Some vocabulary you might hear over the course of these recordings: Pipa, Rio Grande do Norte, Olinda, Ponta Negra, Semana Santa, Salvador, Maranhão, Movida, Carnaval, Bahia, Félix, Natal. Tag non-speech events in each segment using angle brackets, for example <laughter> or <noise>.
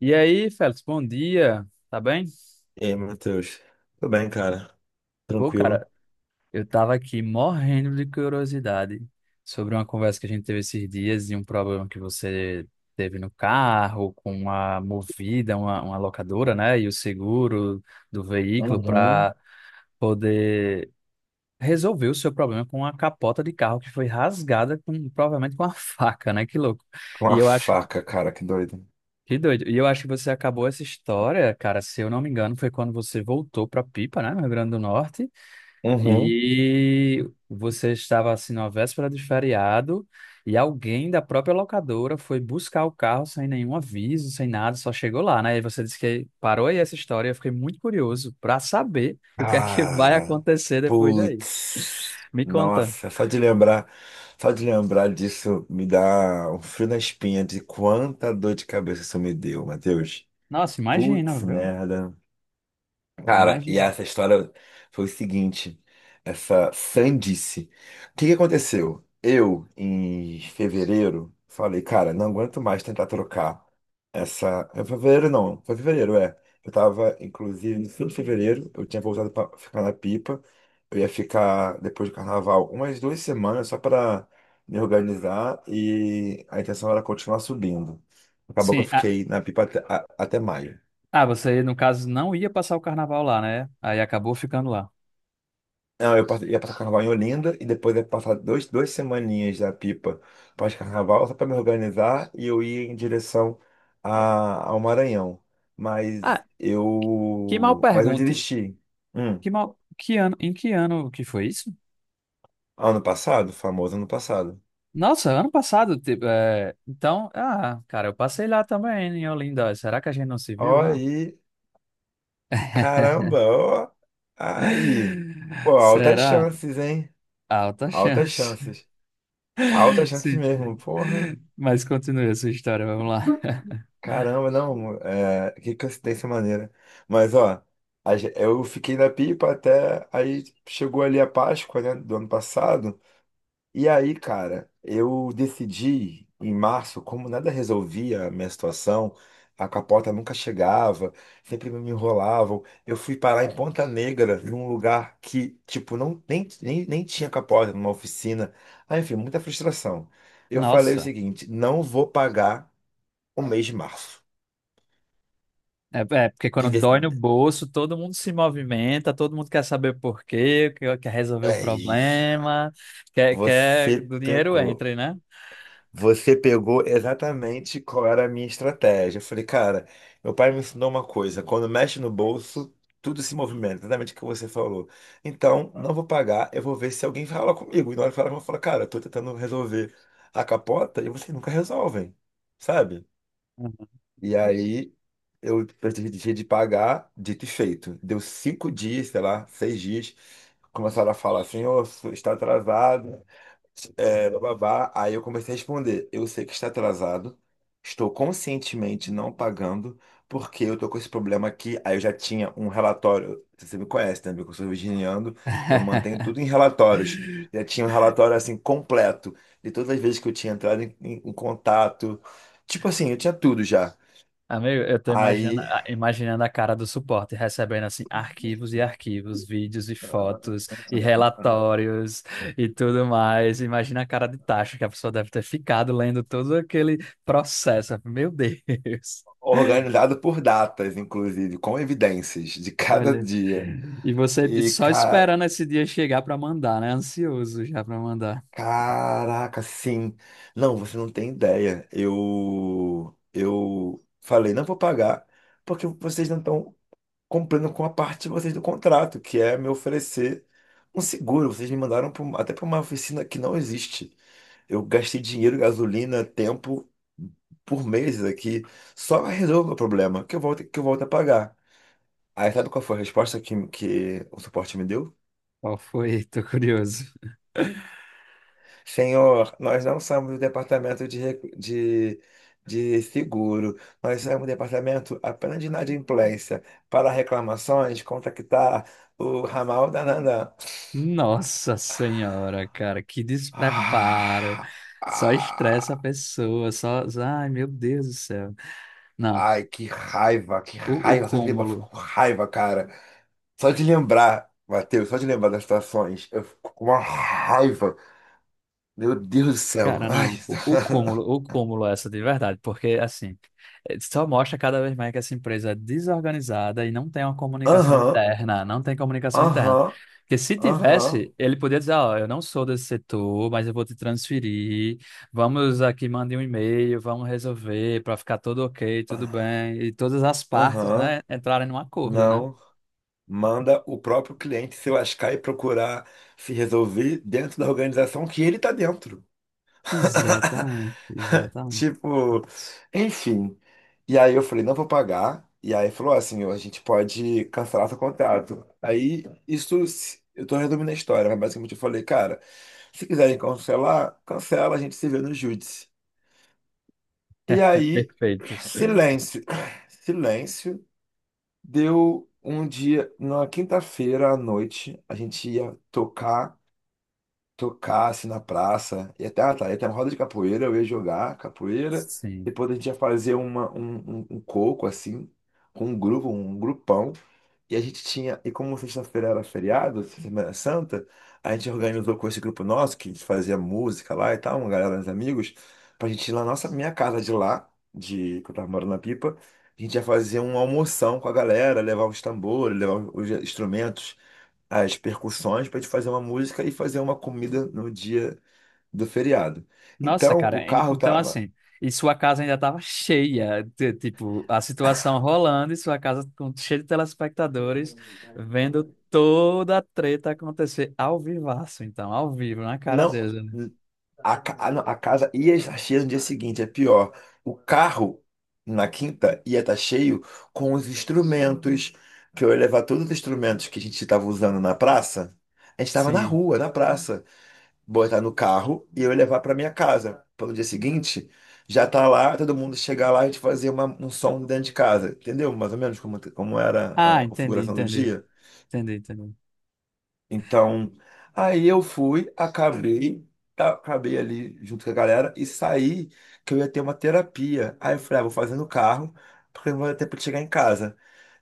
E aí, Félix, bom dia. Tá bem? E aí, Matheus? Tudo bem, cara? Pô, Tranquilo. cara, eu tava aqui morrendo de curiosidade sobre uma conversa que a gente teve esses dias e um problema que você teve no carro com uma Movida, uma locadora, né? E o seguro do veículo Uhum. para poder resolver o seu problema com a capota de carro que foi rasgada com, provavelmente com uma <laughs> faca, né? Que louco. Com E a eu acho faca, cara, que doido. Que doido. E eu acho que você acabou essa história, cara, se eu não me engano, foi quando você voltou para Pipa, né, no Rio Grande do Norte, Uhum. e você estava assim na véspera de feriado e alguém da própria locadora foi buscar o carro sem nenhum aviso, sem nada, só chegou lá, né? E você disse que parou aí essa história, eu fiquei muito curioso para saber o que é que <laughs> vai Cara, acontecer depois daí. putz. Me conta. Nossa, só de lembrar disso me dá um frio na espinha de quanta dor de cabeça isso me deu, Matheus. Nossa, imagina, Putz, viu? merda. Cara, e Imagina. essa história foi o seguinte, essa sandice. O que que aconteceu? Eu, em fevereiro, falei, cara, não aguento mais tentar trocar essa. Em fevereiro não, foi fevereiro, é. Eu tava, inclusive, no fim de fevereiro, eu tinha voltado pra ficar na pipa. Eu ia ficar depois do carnaval umas 2 semanas só pra me organizar, e a intenção era continuar subindo. Acabou que eu Sim, ah, fiquei na pipa até, até maio. ah, você no caso não ia passar o carnaval lá, né? Aí acabou ficando lá. Não, ia passar carnaval em Olinda e depois ia passar 2 semaninhas da Pipa pós-carnaval só para me organizar, e eu ia em direção ao Maranhão. Ah, que mal Mas eu pergunte. desisti. Hum, Que mal, que ano, em que ano que foi isso? ano passado, famoso ano passado. Nossa, ano passado, tipo, é, então, ah, cara, eu passei lá também em Olinda. Será que a gente não se viu Ó lá? aí, <laughs> caramba, ó aí. Pô, altas Será? chances, hein? Alta Altas chance. chances. Altas <laughs> chances Sim. mesmo, porra. Mas continue a sua história, vamos lá. <laughs> Caramba, não, é, que coincidência maneira. Mas, ó, eu fiquei na pipa até aí chegou ali a Páscoa, né, do ano passado. E aí, cara, eu decidi em março, como nada resolvia a minha situação, a capota nunca chegava, sempre me enrolavam. Eu fui parar em Ponta Negra, num lugar que, tipo, não, nem tinha capota, numa oficina. Ah, enfim, muita frustração. Eu falei o Nossa, seguinte: não vou pagar o mês de março. é, é, porque quando dói no Pide- bolso, todo mundo se movimenta, todo mundo quer saber por quê, quer resolver o É isso. problema, quer Você do dinheiro pegou. entre, né? Você pegou exatamente qual era a minha estratégia. Eu falei, cara, meu pai me ensinou uma coisa: quando mexe no bolso, tudo se movimenta, exatamente o que você falou. Então, não vou pagar, eu vou ver se alguém fala comigo. E na hora que falar, eu vou falar, cara, eu tô tentando resolver a capota e vocês nunca resolvem, sabe? E aí, eu deixei de pagar, dito e feito. Deu 5 dias, sei lá, 6 dias, começaram a falar assim, ô, está atrasado. É, babá. Aí eu comecei a responder. Eu sei que está atrasado. Estou conscientemente não pagando, porque eu tô com esse problema aqui. Aí eu já tinha um relatório. Você me conhece, né, amigo? Eu sou virginiano, eu mantenho <laughs> tudo em relatórios. Já tinha um relatório assim completo de todas as vezes que eu tinha entrado em contato. Tipo assim, eu tinha tudo já. Amigo, eu tô imaginando, Aí, imaginando a cara do suporte, recebendo assim arquivos e arquivos, vídeos e fotos e relatórios e tudo mais. Imagina a cara de tacho que a pessoa deve ter ficado lendo todo aquele processo. Meu Deus. organizado por datas, inclusive, com evidências de cada Olha, dia. e você E, só cara, esperando esse dia chegar para mandar, né? Ansioso já para mandar. caraca, sim. Não, você não tem ideia. Eu falei, não vou pagar, porque vocês não estão cumprindo com a parte de vocês do contrato, que é me oferecer um seguro. Vocês me mandaram pra até para uma oficina que não existe. Eu gastei dinheiro, gasolina, tempo por meses aqui, só resolva o problema, que eu volto a pagar. Aí sabe qual foi a resposta que o suporte me deu? Qual foi? Tô curioso. Senhor, nós não somos o departamento de seguro, nós somos o departamento apenas de inadimplência. Para reclamações, contactar o ramal da Nanã. Nossa senhora, cara, que despreparo. Ah, Só estressa a ah, pessoa, só, ai, meu Deus do céu. Não, ai, que o raiva, só de lembrar, eu cúmulo. fico com raiva, cara. Só de lembrar, Matheus, só de lembrar das situações, eu fico com uma raiva. Meu Deus do céu. Cara, Ai. não, <laughs> o cúmulo é essa de verdade, porque assim, só mostra cada vez mais que essa empresa é desorganizada e não tem uma comunicação Aham, interna, não tem comunicação interna. aham, Porque se aham, tivesse, ele podia dizer, ó, eu não sou desse setor, mas eu vou te transferir, vamos aqui, mande um e-mail, vamos resolver para ficar tudo ok, tudo aham, bem, e todas as partes, aham. né, entrarem num acordo, né? Não, manda o próprio cliente se lascar e procurar se resolver dentro da organização que ele tá dentro. <laughs> Exatamente, exatamente. Tipo, enfim. E aí eu falei, não vou pagar. E aí falou assim, a gente pode cancelar seu contrato. Aí isso, eu tô resumindo a história, mas basicamente eu falei, cara, se quiserem cancelar, cancela, a gente se vê no júdice. E É aí, perfeito. silêncio, <clears throat> silêncio. Deu um dia, numa quinta-feira à noite, a gente ia tocar, tocar assim na praça, e até, ah, tá, ia ter uma roda de capoeira, eu ia jogar capoeira, Sim. depois a gente ia fazer um coco assim, com um grupo, um grupão. E a gente tinha, e como sexta-feira era feriado, Semana Santa, a gente organizou com esse grupo nosso, que a gente fazia música lá e tal, uma galera dos amigos, pra gente ir lá na minha casa de lá, de, que eu tava morando na Pipa, a gente ia fazer uma almoção com a galera, levar os tambores, levar os instrumentos, as percussões, pra gente fazer uma música e fazer uma comida no dia do feriado. Nossa, Então, cara, o carro então tava. assim, e sua casa ainda estava cheia, tipo, a situação rolando e sua casa com, cheia de telespectadores, vendo toda a treta acontecer ao vivaço, então, ao vivo, na cara Não. deles, né? Não, a casa ia estar cheia no dia seguinte, é pior. O carro, na quinta, ia estar cheio com os instrumentos, que eu ia levar todos os instrumentos que a gente estava usando na praça. A gente estava na Sim. rua, na praça. Botar no carro e eu ia levar para minha casa. Pelo dia seguinte, já tá lá, todo mundo chegar lá e a gente fazer um som dentro de casa. Entendeu? Mais ou menos como era Ah, a configuração do dia. Entendi. Então, aí eu fui, acabei, tá, acabei ali junto com a galera e saí que eu ia ter uma terapia. Aí eu falei, ah, vou fazer no carro, porque não vai ter tempo de chegar em casa.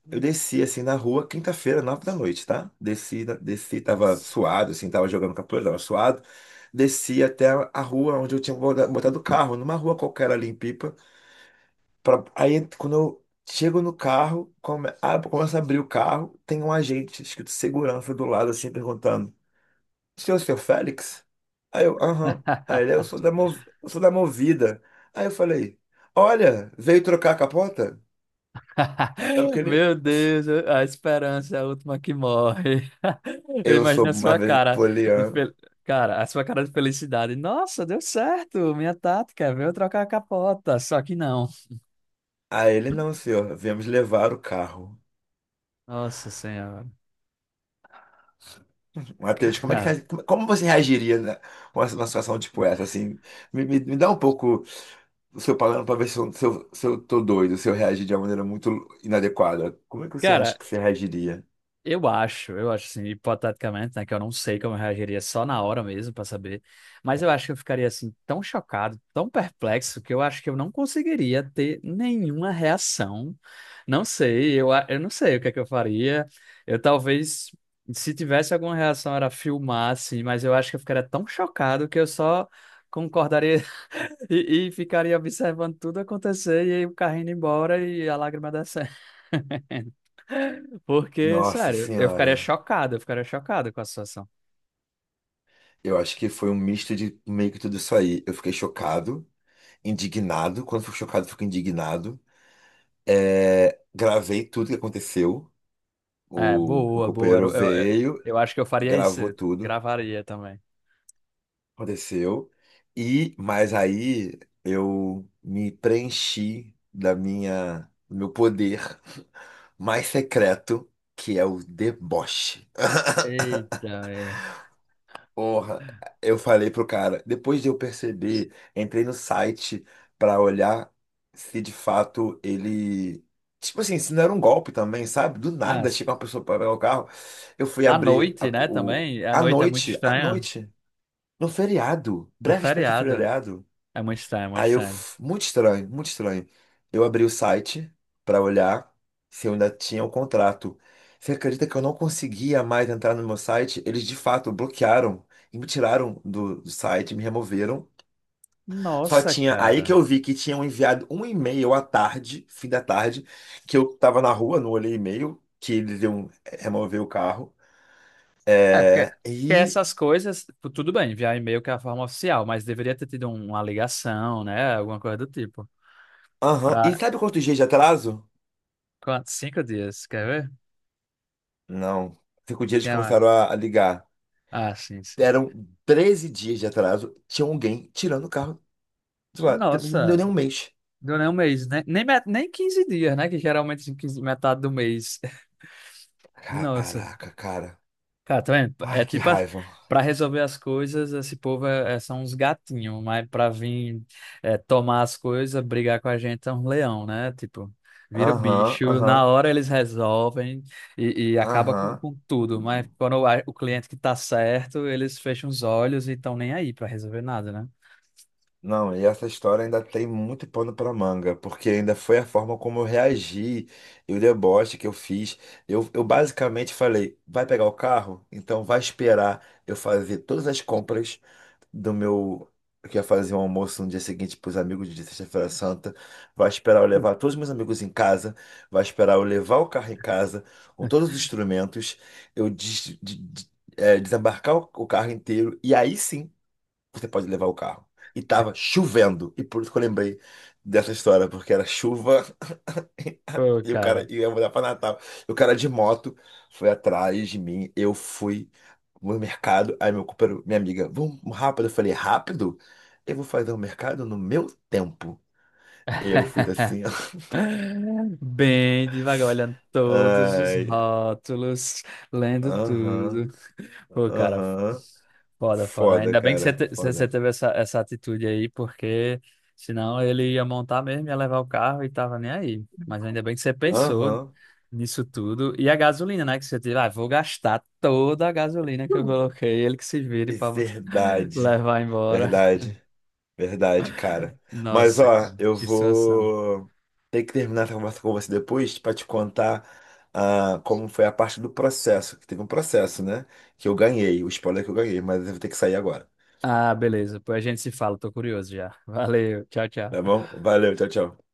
Eu desci assim na rua, quinta-feira, 9 da noite, tá? Desci, desci, tava Nossa. suado, assim, tava jogando capoeira, tava suado. Desci até a rua onde eu tinha botado o carro, numa rua qualquer ali em Pipa. Pra... Aí quando eu chego no carro, começo a abrir o carro, tem um agente escrito segurança do lado, assim, perguntando. O senhor, seu Félix? Aí eu, aham. Aí ele, "É, eu <laughs> sou da, eu sou da Movida." Aí eu falei, olha, veio trocar a capota? É porque <laughs> ele, Meu Deus, a esperança é a última que morre. <laughs> Eu eu imagino sou a mais sua vezes cara de poliano. Cara, a sua cara de felicidade. Nossa, deu certo, minha tática, veio trocar a capota, só que não. Aí ele, não, senhor, viemos levar o carro. Nossa Senhora. Matheus, como é Cara, que, como você reagiria, né, com uma situação tipo essa, assim? Me dá um pouco o seu palavra para ver se eu, se eu tô doido, se eu reagir de uma maneira muito inadequada. Como é que você acha cara, que você reagiria? Eu acho assim, hipoteticamente, né, que eu não sei como eu reagiria só na hora mesmo pra saber, mas eu acho que eu ficaria assim tão chocado, tão perplexo que eu acho que eu não conseguiria ter nenhuma reação. Não sei, eu não sei o que é que eu faria. Eu talvez, se tivesse alguma reação, era filmar assim, mas eu acho que eu ficaria tão chocado que eu só concordaria <laughs> e ficaria observando tudo acontecer e aí o carrinho indo embora e a lágrima descendo. Porque, Nossa sério, senhora. Eu ficaria chocado com a situação. Eu acho que foi um misto de meio que tudo isso aí. Eu fiquei chocado, indignado. Quando fico chocado, fico indignado. É, gravei tudo que aconteceu. É, O boa, boa. companheiro Eu, eu, eu veio, eu acho que eu faria isso, gravou tudo, gravaria também. aconteceu. E, mas aí eu me preenchi da do meu poder mais secreto, que é o deboche. Eita, amiga. Porra, eu falei pro cara, depois de eu perceber, entrei no site pra olhar se de fato ele. Tipo assim, se não era um golpe também, sabe? Do Ah, nada chega uma pessoa pra pegar o carro. Eu fui à abrir noite, né, também? A noite é muito à estranha. noite, no feriado, Uma pré-véspera de feriado. feriado. É muito estranho, é muito Aí eu, estranho. Muito estranho, muito estranho. Eu abri o site pra olhar se eu ainda tinha o contrato. Você acredita que eu não conseguia mais entrar no meu site? Eles de fato bloquearam e me tiraram do site, me removeram. Só Nossa, tinha aí que cara. eu vi que tinham enviado um e-mail à tarde, fim da tarde, que eu tava na rua, não olhei e-mail, que eles iam remover o carro. É, É, porque e, essas coisas, tudo bem, via e-mail que é a forma oficial, mas deveria ter tido uma ligação, né? Alguma coisa do tipo. aham. E Pra sabe quantos dias de atraso? quantos? Cinco dias, quer ver? Não. 5 dias Sim, eles é, começaram a ligar. Ah, sim. Eram 13 dias de atraso, tinha alguém tirando o carro de lá. Não deu Nossa. nem um mês. Deu nem um mês, né? Nem, nem 15 dias, né? Que geralmente assim, 15 metade do mês. <laughs> Nossa. Caraca, cara. Cara, tá vendo? Ai, É que tipo, raiva. pra resolver as coisas, esse povo é, são uns gatinhos, mas pra vir é, tomar as coisas, brigar com a gente é um leão, né? Tipo, vira o Aham, bicho, aham, na hora eles resolvem e acaba aham. com tudo, mas quando o cliente que tá certo, eles fecham os olhos e estão nem aí pra resolver nada, né? Não, e essa história ainda tem muito pano para manga, porque ainda foi a forma como eu reagi e o deboche que eu fiz. Eu basicamente falei: vai pegar o carro? Então vai esperar eu fazer todas as compras do meu. Eu ia fazer um almoço no dia seguinte para os amigos de Sexta-feira Santa. Vai esperar eu levar todos os meus amigos em casa. Vai esperar eu levar o carro em casa com todos os instrumentos. Eu desembarcar o carro inteiro. E aí sim você pode levar o carro. E tava chovendo. E por isso que eu lembrei dessa história, porque era chuva Pô, e o cara cara. ia mudar pra Natal. E o cara de moto foi atrás de mim. Eu fui no mercado. Aí meu companheiro, minha amiga, vamos rápido. Eu falei, rápido? Eu vou fazer o mercado no meu tempo. Eu fiz assim, ó. <laughs> <laughs> Bem devagar, olhando todos os Ai, rótulos, lendo aham, tudo. Pô, cara, aham. foda, foda. Foda, Ainda bem que cara, você foda. teve essa, essa atitude aí, porque senão ele ia montar mesmo, ia levar o carro e tava nem aí. Mas ainda bem que você pensou Aham, nisso tudo. E a gasolina, né? Que você teve, ah, vou gastar toda a gasolina que eu coloquei, ele que se vire é pra <laughs> verdade, levar embora. verdade. Verdade, cara. Mas Nossa, ó, cara, eu que situação. vou ter que terminar essa conversa com você depois para te contar ah, como foi a parte do processo, que teve um processo, né? Que eu ganhei, o spoiler que eu ganhei, mas eu vou ter que sair agora. Ah, beleza. Depois a gente se fala. Tô curioso já. Valeu. Tchau, Tá tchau. bom? Valeu, tchau, tchau.